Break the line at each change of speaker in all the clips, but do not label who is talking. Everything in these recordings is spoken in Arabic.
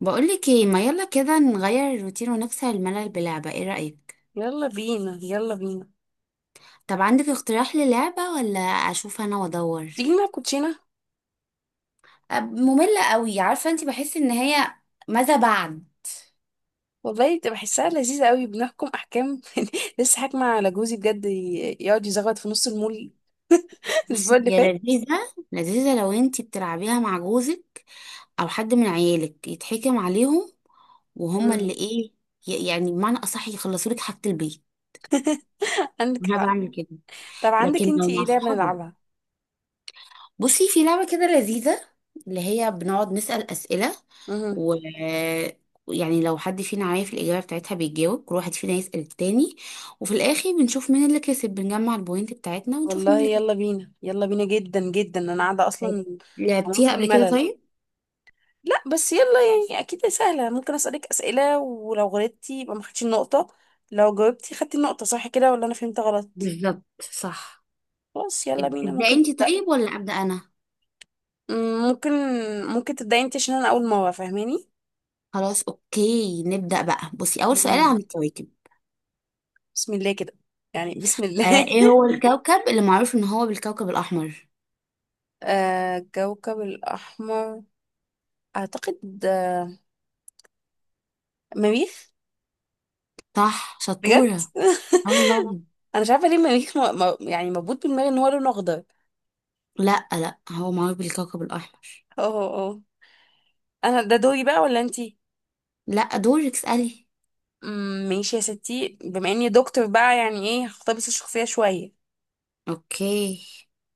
بقولك ايه، ما يلا كده نغير الروتين ونكسر الملل بلعبة. ايه رأيك؟
يلا بينا يلا بينا.
طب عندك اقتراح للعبة، ولا اشوف انا وادور؟
تيجي نلعب كوتشينة.
مملة قوي. عارفة انت؟ بحس ان هي ماذا بعد.
والله تبقى بحسها لذيذة قوي، بنحكم أحكام. لسه حاكمة على جوزي بجد، يقعد يزغط في نص المول. الأسبوع
بصي
اللي
هي
فات.
لذيذة لذيذة لو انتي بتلعبيها مع جوزك او حد من عيالك، يتحكم عليهم وهما
مم.
اللي ايه، يعني بمعنى اصح يخلصوا لك حاجة البيت.
عندك
انا
حق.
بعمل كده.
طب عندك
لكن لو
انتي ايه
مع
لعبة
صحابك،
نلعبها؟
بصي في لعبة كده لذيذة، اللي هي بنقعد نسأل أسئلة،
مم.
و يعني لو حد فينا عارف الإجابة بتاعتها بيتجاوب، كل واحد فينا يسأل التاني، وفي الآخر بنشوف مين اللي كسب. بنجمع البوينت بتاعتنا ونشوف مين
والله
اللي
يلا بينا يلا بينا جدا جدا، أنا قاعدة
كسب.
أصلا. هموت
لعبتيها
من
قبل كده
الملل.
طيب؟
لا، بس يلا. يعني أكيد سهلة، ممكن أسألك أسئلة، ولو غلطتي يبقى ما خدتش النقطة، لو جاوبتي خدتي النقطة، صح كده ولا أنا فهمت غلط؟
بالظبط صح.
خلاص يلا بينا.
تبدأي
ممكن،
انت طيب ولا أبدأ أنا؟
مم، ممكن ممكن تبدأي انت عشان انا اول مرة فاهماني.
خلاص أوكي نبدأ بقى. بصي، أول سؤال عن
مم.
الكواكب.
بسم الله كده، يعني بسم
آه،
الله.
إيه هو الكوكب اللي معروف إن هو بالكوكب الأحمر؟
آه، الكوكب الأحمر أعتقد مريخ.
صح،
بجد؟
شطورة. الله.
أنا مش عارفة ليه مريخ يعني مربوط بدماغي إن هو لونه أخضر.
لا لا، هو معروف بالكوكب الأحمر.
اه اه اه. أنا ده دوري بقى ولا أنتي؟
لا، دورك اسألي.
ماشي يا ستي، بما إني دكتور بقى يعني إيه، هختار بس الشخصية شوية.
اوكي.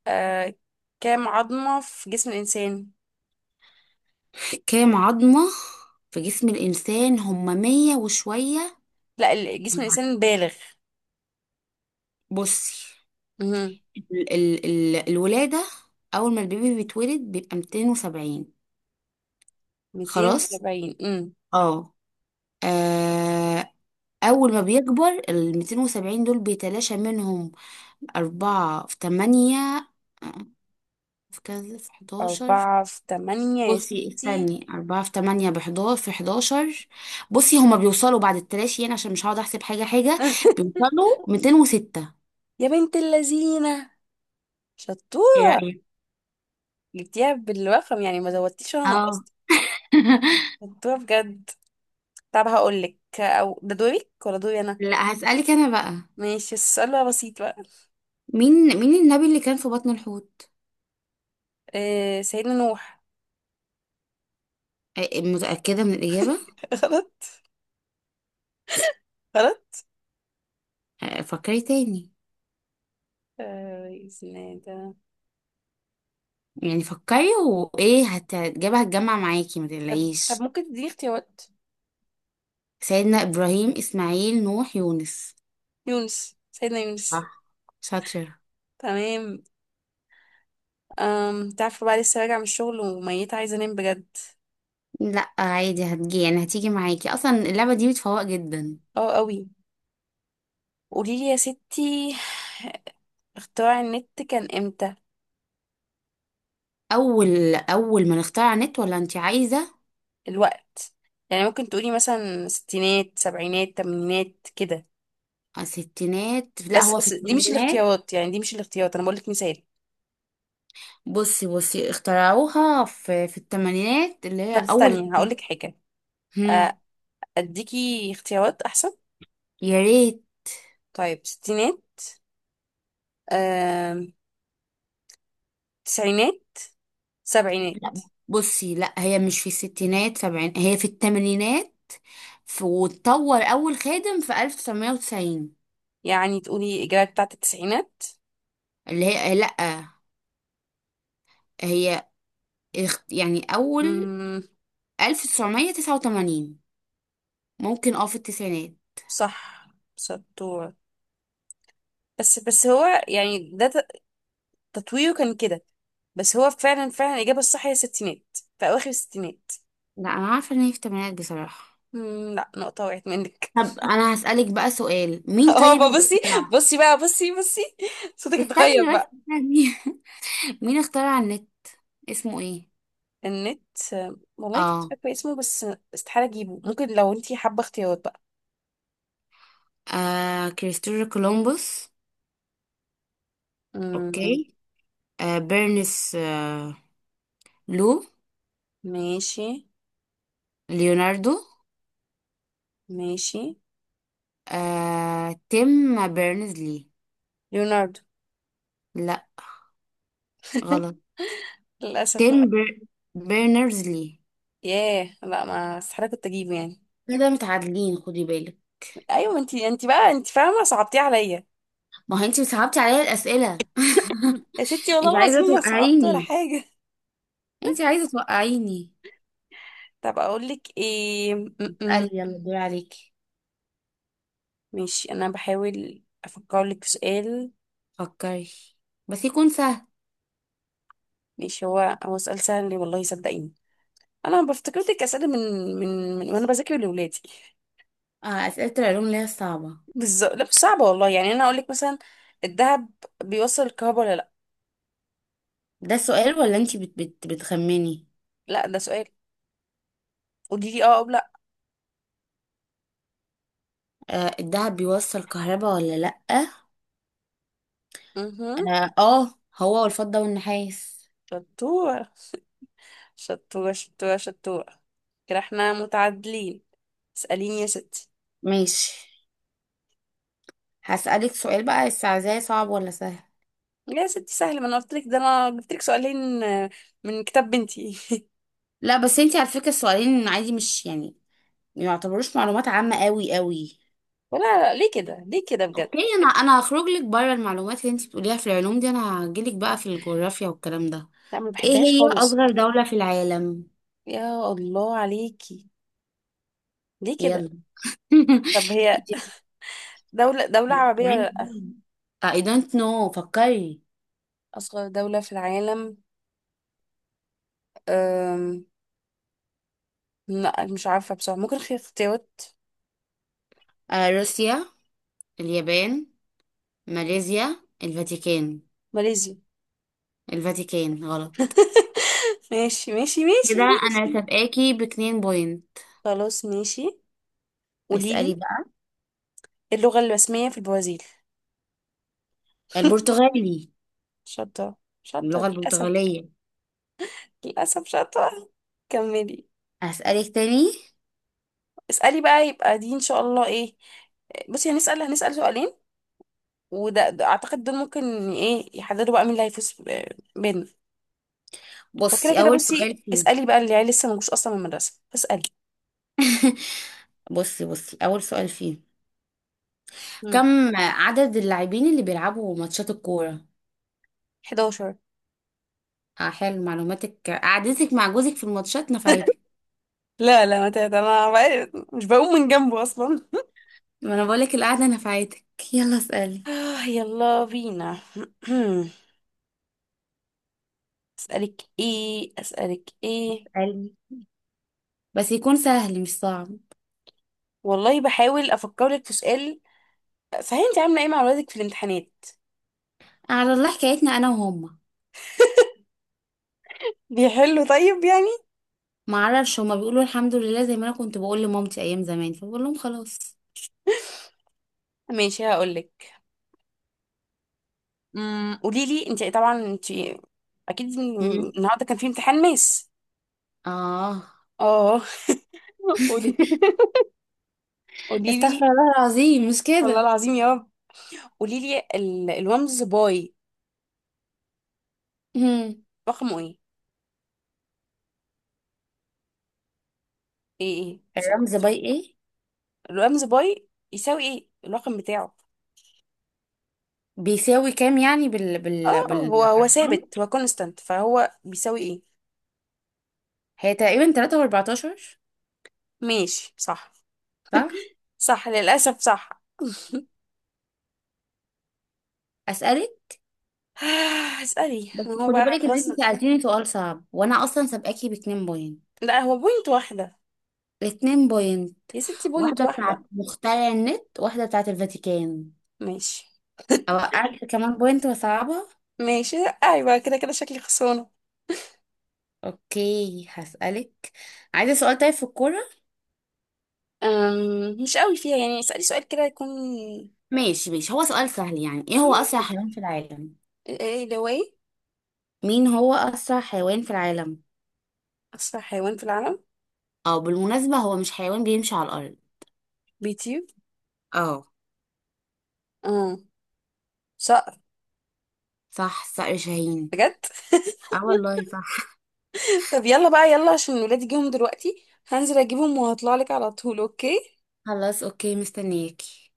آه. كام عظمة في جسم الإنسان؟
كام عظمة في جسم الإنسان هما مية وشوية.
لا، جسم الإنسان البالغ.
بصي،
مهم.
ال الولادة، أول ما البيبي بيتولد بيبقى 270. خلاص.
270. مم.
اه آه، أول ما بيكبر ال 270 دول بيتلاشى منهم أربعة في تمانية. آه، في كذا، في 11.
أربعة في تمانية يا
بصي
ستي.
استني، أربعة في تمانية بحداشر في حداشر. بصي هما بيوصلوا بعد التلاشي، يعني عشان مش هقعد أحسب حاجة حاجة، بيوصلوا ميتين وستة.
يا بنت اللذينة،
ايه
شطورة.
رأيك؟
جبتيها بالرقم يعني، ما زودتيش ولا
اه.
نقصتي. شطورة بجد. طب هقولك، أو ده دورك ولا دوري أنا؟
لا هسألك أنا بقى.
ماشي، السؤال بقى بسيط بقى.
مين النبي اللي كان في بطن الحوت؟
آه، سيدنا نوح.
آه، متأكدة من الإجابة؟
غلط، غلط.
آه، فكري تاني.
آه، اسمه ده.
يعني فكري، الإجابة هتجمع معاكي ما
طب
تقلقيش.
ممكن تديني اختيارات.
سيدنا إبراهيم، إسماعيل، نوح، يونس.
يونس، سيدنا يونس.
صح، شاطرة.
تمام. أم تعرفوا بقى، لسه راجعة من الشغل وميتة عايزة أنام بجد.
لا عادي، هتجي يعني هتيجي معاكي، أصلا اللعبة دي بتفوق جدا.
اه قوي. قوليلي يا ستي، اختراع النت كان امتى؟
اول ما نختار على النت، ولا انت عايزه؟
الوقت، يعني ممكن تقولي مثلا ستينات، سبعينات، تمانينات كده.
آه، ستينات. لا
بس
هو في
بس دي مش
الثمانينات.
الاختيارات، يعني دي مش الاختيارات، انا بقولك مثال.
بصي اخترعوها في الثمانينات، اللي
طب
هي اول
استني هقولك
التسعينات.
حاجة.
هم،
آه، اديكي اختيارات احسن.
يا ريت.
طيب، ستينات، آم، تسعينات، سبعينات.
لا بصي، لا هي مش في الستينات، سبعين، هي في الثمانينات. في واتطور اول خادم في 1990،
يعني تقولي الإجابة بتاعت التسعينات؟
اللي هي لا، هي يعني اول،
مم،
1989، ممكن اه في التسعينات.
صح، شطورة. بس هو يعني ده، تطويره كان كده، بس هو فعلا فعلا الإجابة الصح هي الستينات، في أواخر الستينات.
لا انا عارفه ان هي في الثمانينات بصراحه.
لا، نقطة وقعت منك.
طب انا هسألك بقى سؤال. مين
اه
طيب
بقى
اللي
بصي،
اخترع؟
بصي بقى بصي بصي، صوتك اتغير
استني بس
بقى.
استني مين اخترع النت؟ اسمه ايه؟
النت، والله كنت
اه،
فاكرة اسمه بس، استحالة أجيبه. ممكن لو انتي حابة اختيارات بقى.
آه كريستوفر كولومبوس،
مم،
اوكي. آه بيرنس، آه. لو
ماشي،
ليوناردو.
ماشي،
آه، تيم بيرنز لي.
ليوناردو.
لا، غلط.
للأسف.
تيم بيرنرز لي.
ياه، لا، ما استحالة كنت أجيبه يعني.
كده متعادلين، خدي بالك.
أيوة، ما انتي بقى انتي فاهمة، صعبتيه عليا.
ما هو انت صعبتي عليا الأسئلة.
يا ستي والله
انت عايزة
العظيم ما صعبت ولا
توقعيني،
حاجة.
انت عايزة توقعيني.
طب اقول لك ايه،
قال يلا، دور عليكي.
ماشي، انا بحاول افكر لك في سؤال.
فكري، بس يكون سهل.
ماشي، هو سؤال سهل والله صدقيني. انا بفتكر لك اسئله من، وانا بذاكر لاولادي.
آه، أسئلة العلوم اللي هي الصعبة.
بالظبط. لا، مش صعبه والله، يعني انا اقول لك مثلا، الذهب بيوصل الكهرباء ولا لا؟
ده السؤال ولا انتي بت بتخمني؟
لا، ده سؤال، قولي لي اه او لا.
آه، الدهب بيوصل كهربا ولا لأ؟
اها.
اه آه، هو والفضة والنحاس.
شطوره. شطوره، شطوره، شطوره. كده احنا متعادلين، اساليني يا ستي.
ماشي. هسألك سؤال بقى، بس عايزاه صعب ولا سهل؟
يا ستي سهل، ما انا قلت لك ده انا جبت لك سؤالين، من كتاب بنتي.
لا بس انتي على فكرة السؤالين عادي، مش يعني ما يعتبروش معلومات عامة قوي قوي.
لا لا، ليه كده، ليه كده، بجد.
اوكي، انا هخرج لك بره المعلومات اللي انتي بتقوليها في العلوم دي. انا هجيلك بقى في الجغرافيا والكلام ده.
لا، ما
ايه
بحبهاش
هي
خالص.
اصغر دولة في العالم؟
يا الله عليكي، ليه كده.
يلا.
طب هي،
انت.
دولة عربية ولا
عادي
لأ؟
جدا. I don't know، فكري.
أصغر دولة في العالم، أم... لا، مش عارفة بصراحة. ممكن في اختيارات؟
آه، روسيا، اليابان، ماليزيا، الفاتيكان.
ماليزيا.
الفاتيكان، غلط.
ماشي ماشي
كده
ماشي
انا
ماشي.
سابقاكي باتنين بوينت.
خلاص ماشي،
اسألي
قوليلي.
بقى.
اللغة الرسمية في البرازيل.
البرتغالي.
شاطرة، شاطرة،
اللغة
للأسف.
البرتغالية.
للأسف شاطرة. كملي.
هسألك تاني.
اسألي بقى، يبقى دي إن شاء الله إيه. بصي، هنسأل سؤالين، وده، اعتقد دول ممكن ايه يحددوا بقى مين اللي هيفوز بيننا. وكده
بصي،
كده،
أول
بصي
سؤال فيه.
اسالي بقى، اللي يعني لسه مجوش اصلا من المدرسه، اسالي.
بصي أول سؤال فيه،
امم
كم عدد اللاعبين اللي بيلعبوا ماتشات الكورة؟
11.
آه، حلو، معلوماتك قعدتك مع جوزك في الماتشات نفعتك.
لا لا، ما تهت انا، بقى مش بقوم من جنبه اصلا.
ما انا بقولك القعده نفعتك. يلا اسالي.
آه، يلا بينا. اسالك ايه، اسالك ايه.
اسألي، بس يكون سهل مش صعب.
والله بحاول افكر لك في سؤال. صحيح، انت عامله ايه مع اولادك في الامتحانات؟
على الله حكايتنا انا وهما.
بيحلوا طيب يعني؟
ما اعرفش، هما بيقولوا الحمد لله زي ما انا كنت بقول لمامتي ايام زمان، فبقول لهم خلاص.
ماشي هقول لك، قولي لي انت طبعا انت اكيد.
مم.
النهارده كان في امتحان ماس.
اه.
اه. قولي قولي لي.
استغفر الله العظيم مش
والله
كده.
العظيم يا رب، قولي لي الرمز باي،
مم.
رقمه ايه
الرمز
صح.
باي ايه؟
الرمز باي يساوي ايه الرقم بتاعه؟
بيساوي كام يعني بال
اه، هو
بالارقام؟
ثابت، هو كونستانت، فهو بيساوي ايه؟
هي تقريبا 3.14.
ماشي صح.
صح.
صح للاسف صح.
اسالك.
اسالي، ما
بس
هو
خدي
بقى
بالك ان
خلاص.
انت سالتيني سؤال صعب، وانا اصلا سابقاكي باتنين بوينت.
لا، هو بوينت واحده.
الاتنين بوينت،
يا ستي بوينت
واحدة بتاعت
واحده.
مخترع النت، واحدة بتاعت الفاتيكان.
ماشي.
اوقعك كمان بوينت وصعبة.
ماشي. ايوه كده، كده شكلي خسرانه.
اوكي، هسألك. عايزة سؤال طيب في الكورة؟
مش قوي فيها يعني، اسالي سؤال كده يكون.
ماشي ماشي، هو سؤال سهل. يعني ايه هو اسرع حيوان في العالم؟
ايه ده واي؟
مين هو اسرع حيوان في العالم؟
اسرع حيوان في العالم.
او بالمناسبة هو مش حيوان بيمشي على الارض.
بيطير.
اه.
اه. صقر.
صح، صقر شاهين.
بجد؟
اه والله صح.
طب يلا بقى يلا، عشان ولادي جيهم دلوقتي، هنزل اجيبهم وهطلع لك على طول، اوكي.
خلاص، اوكي، مستنياكي.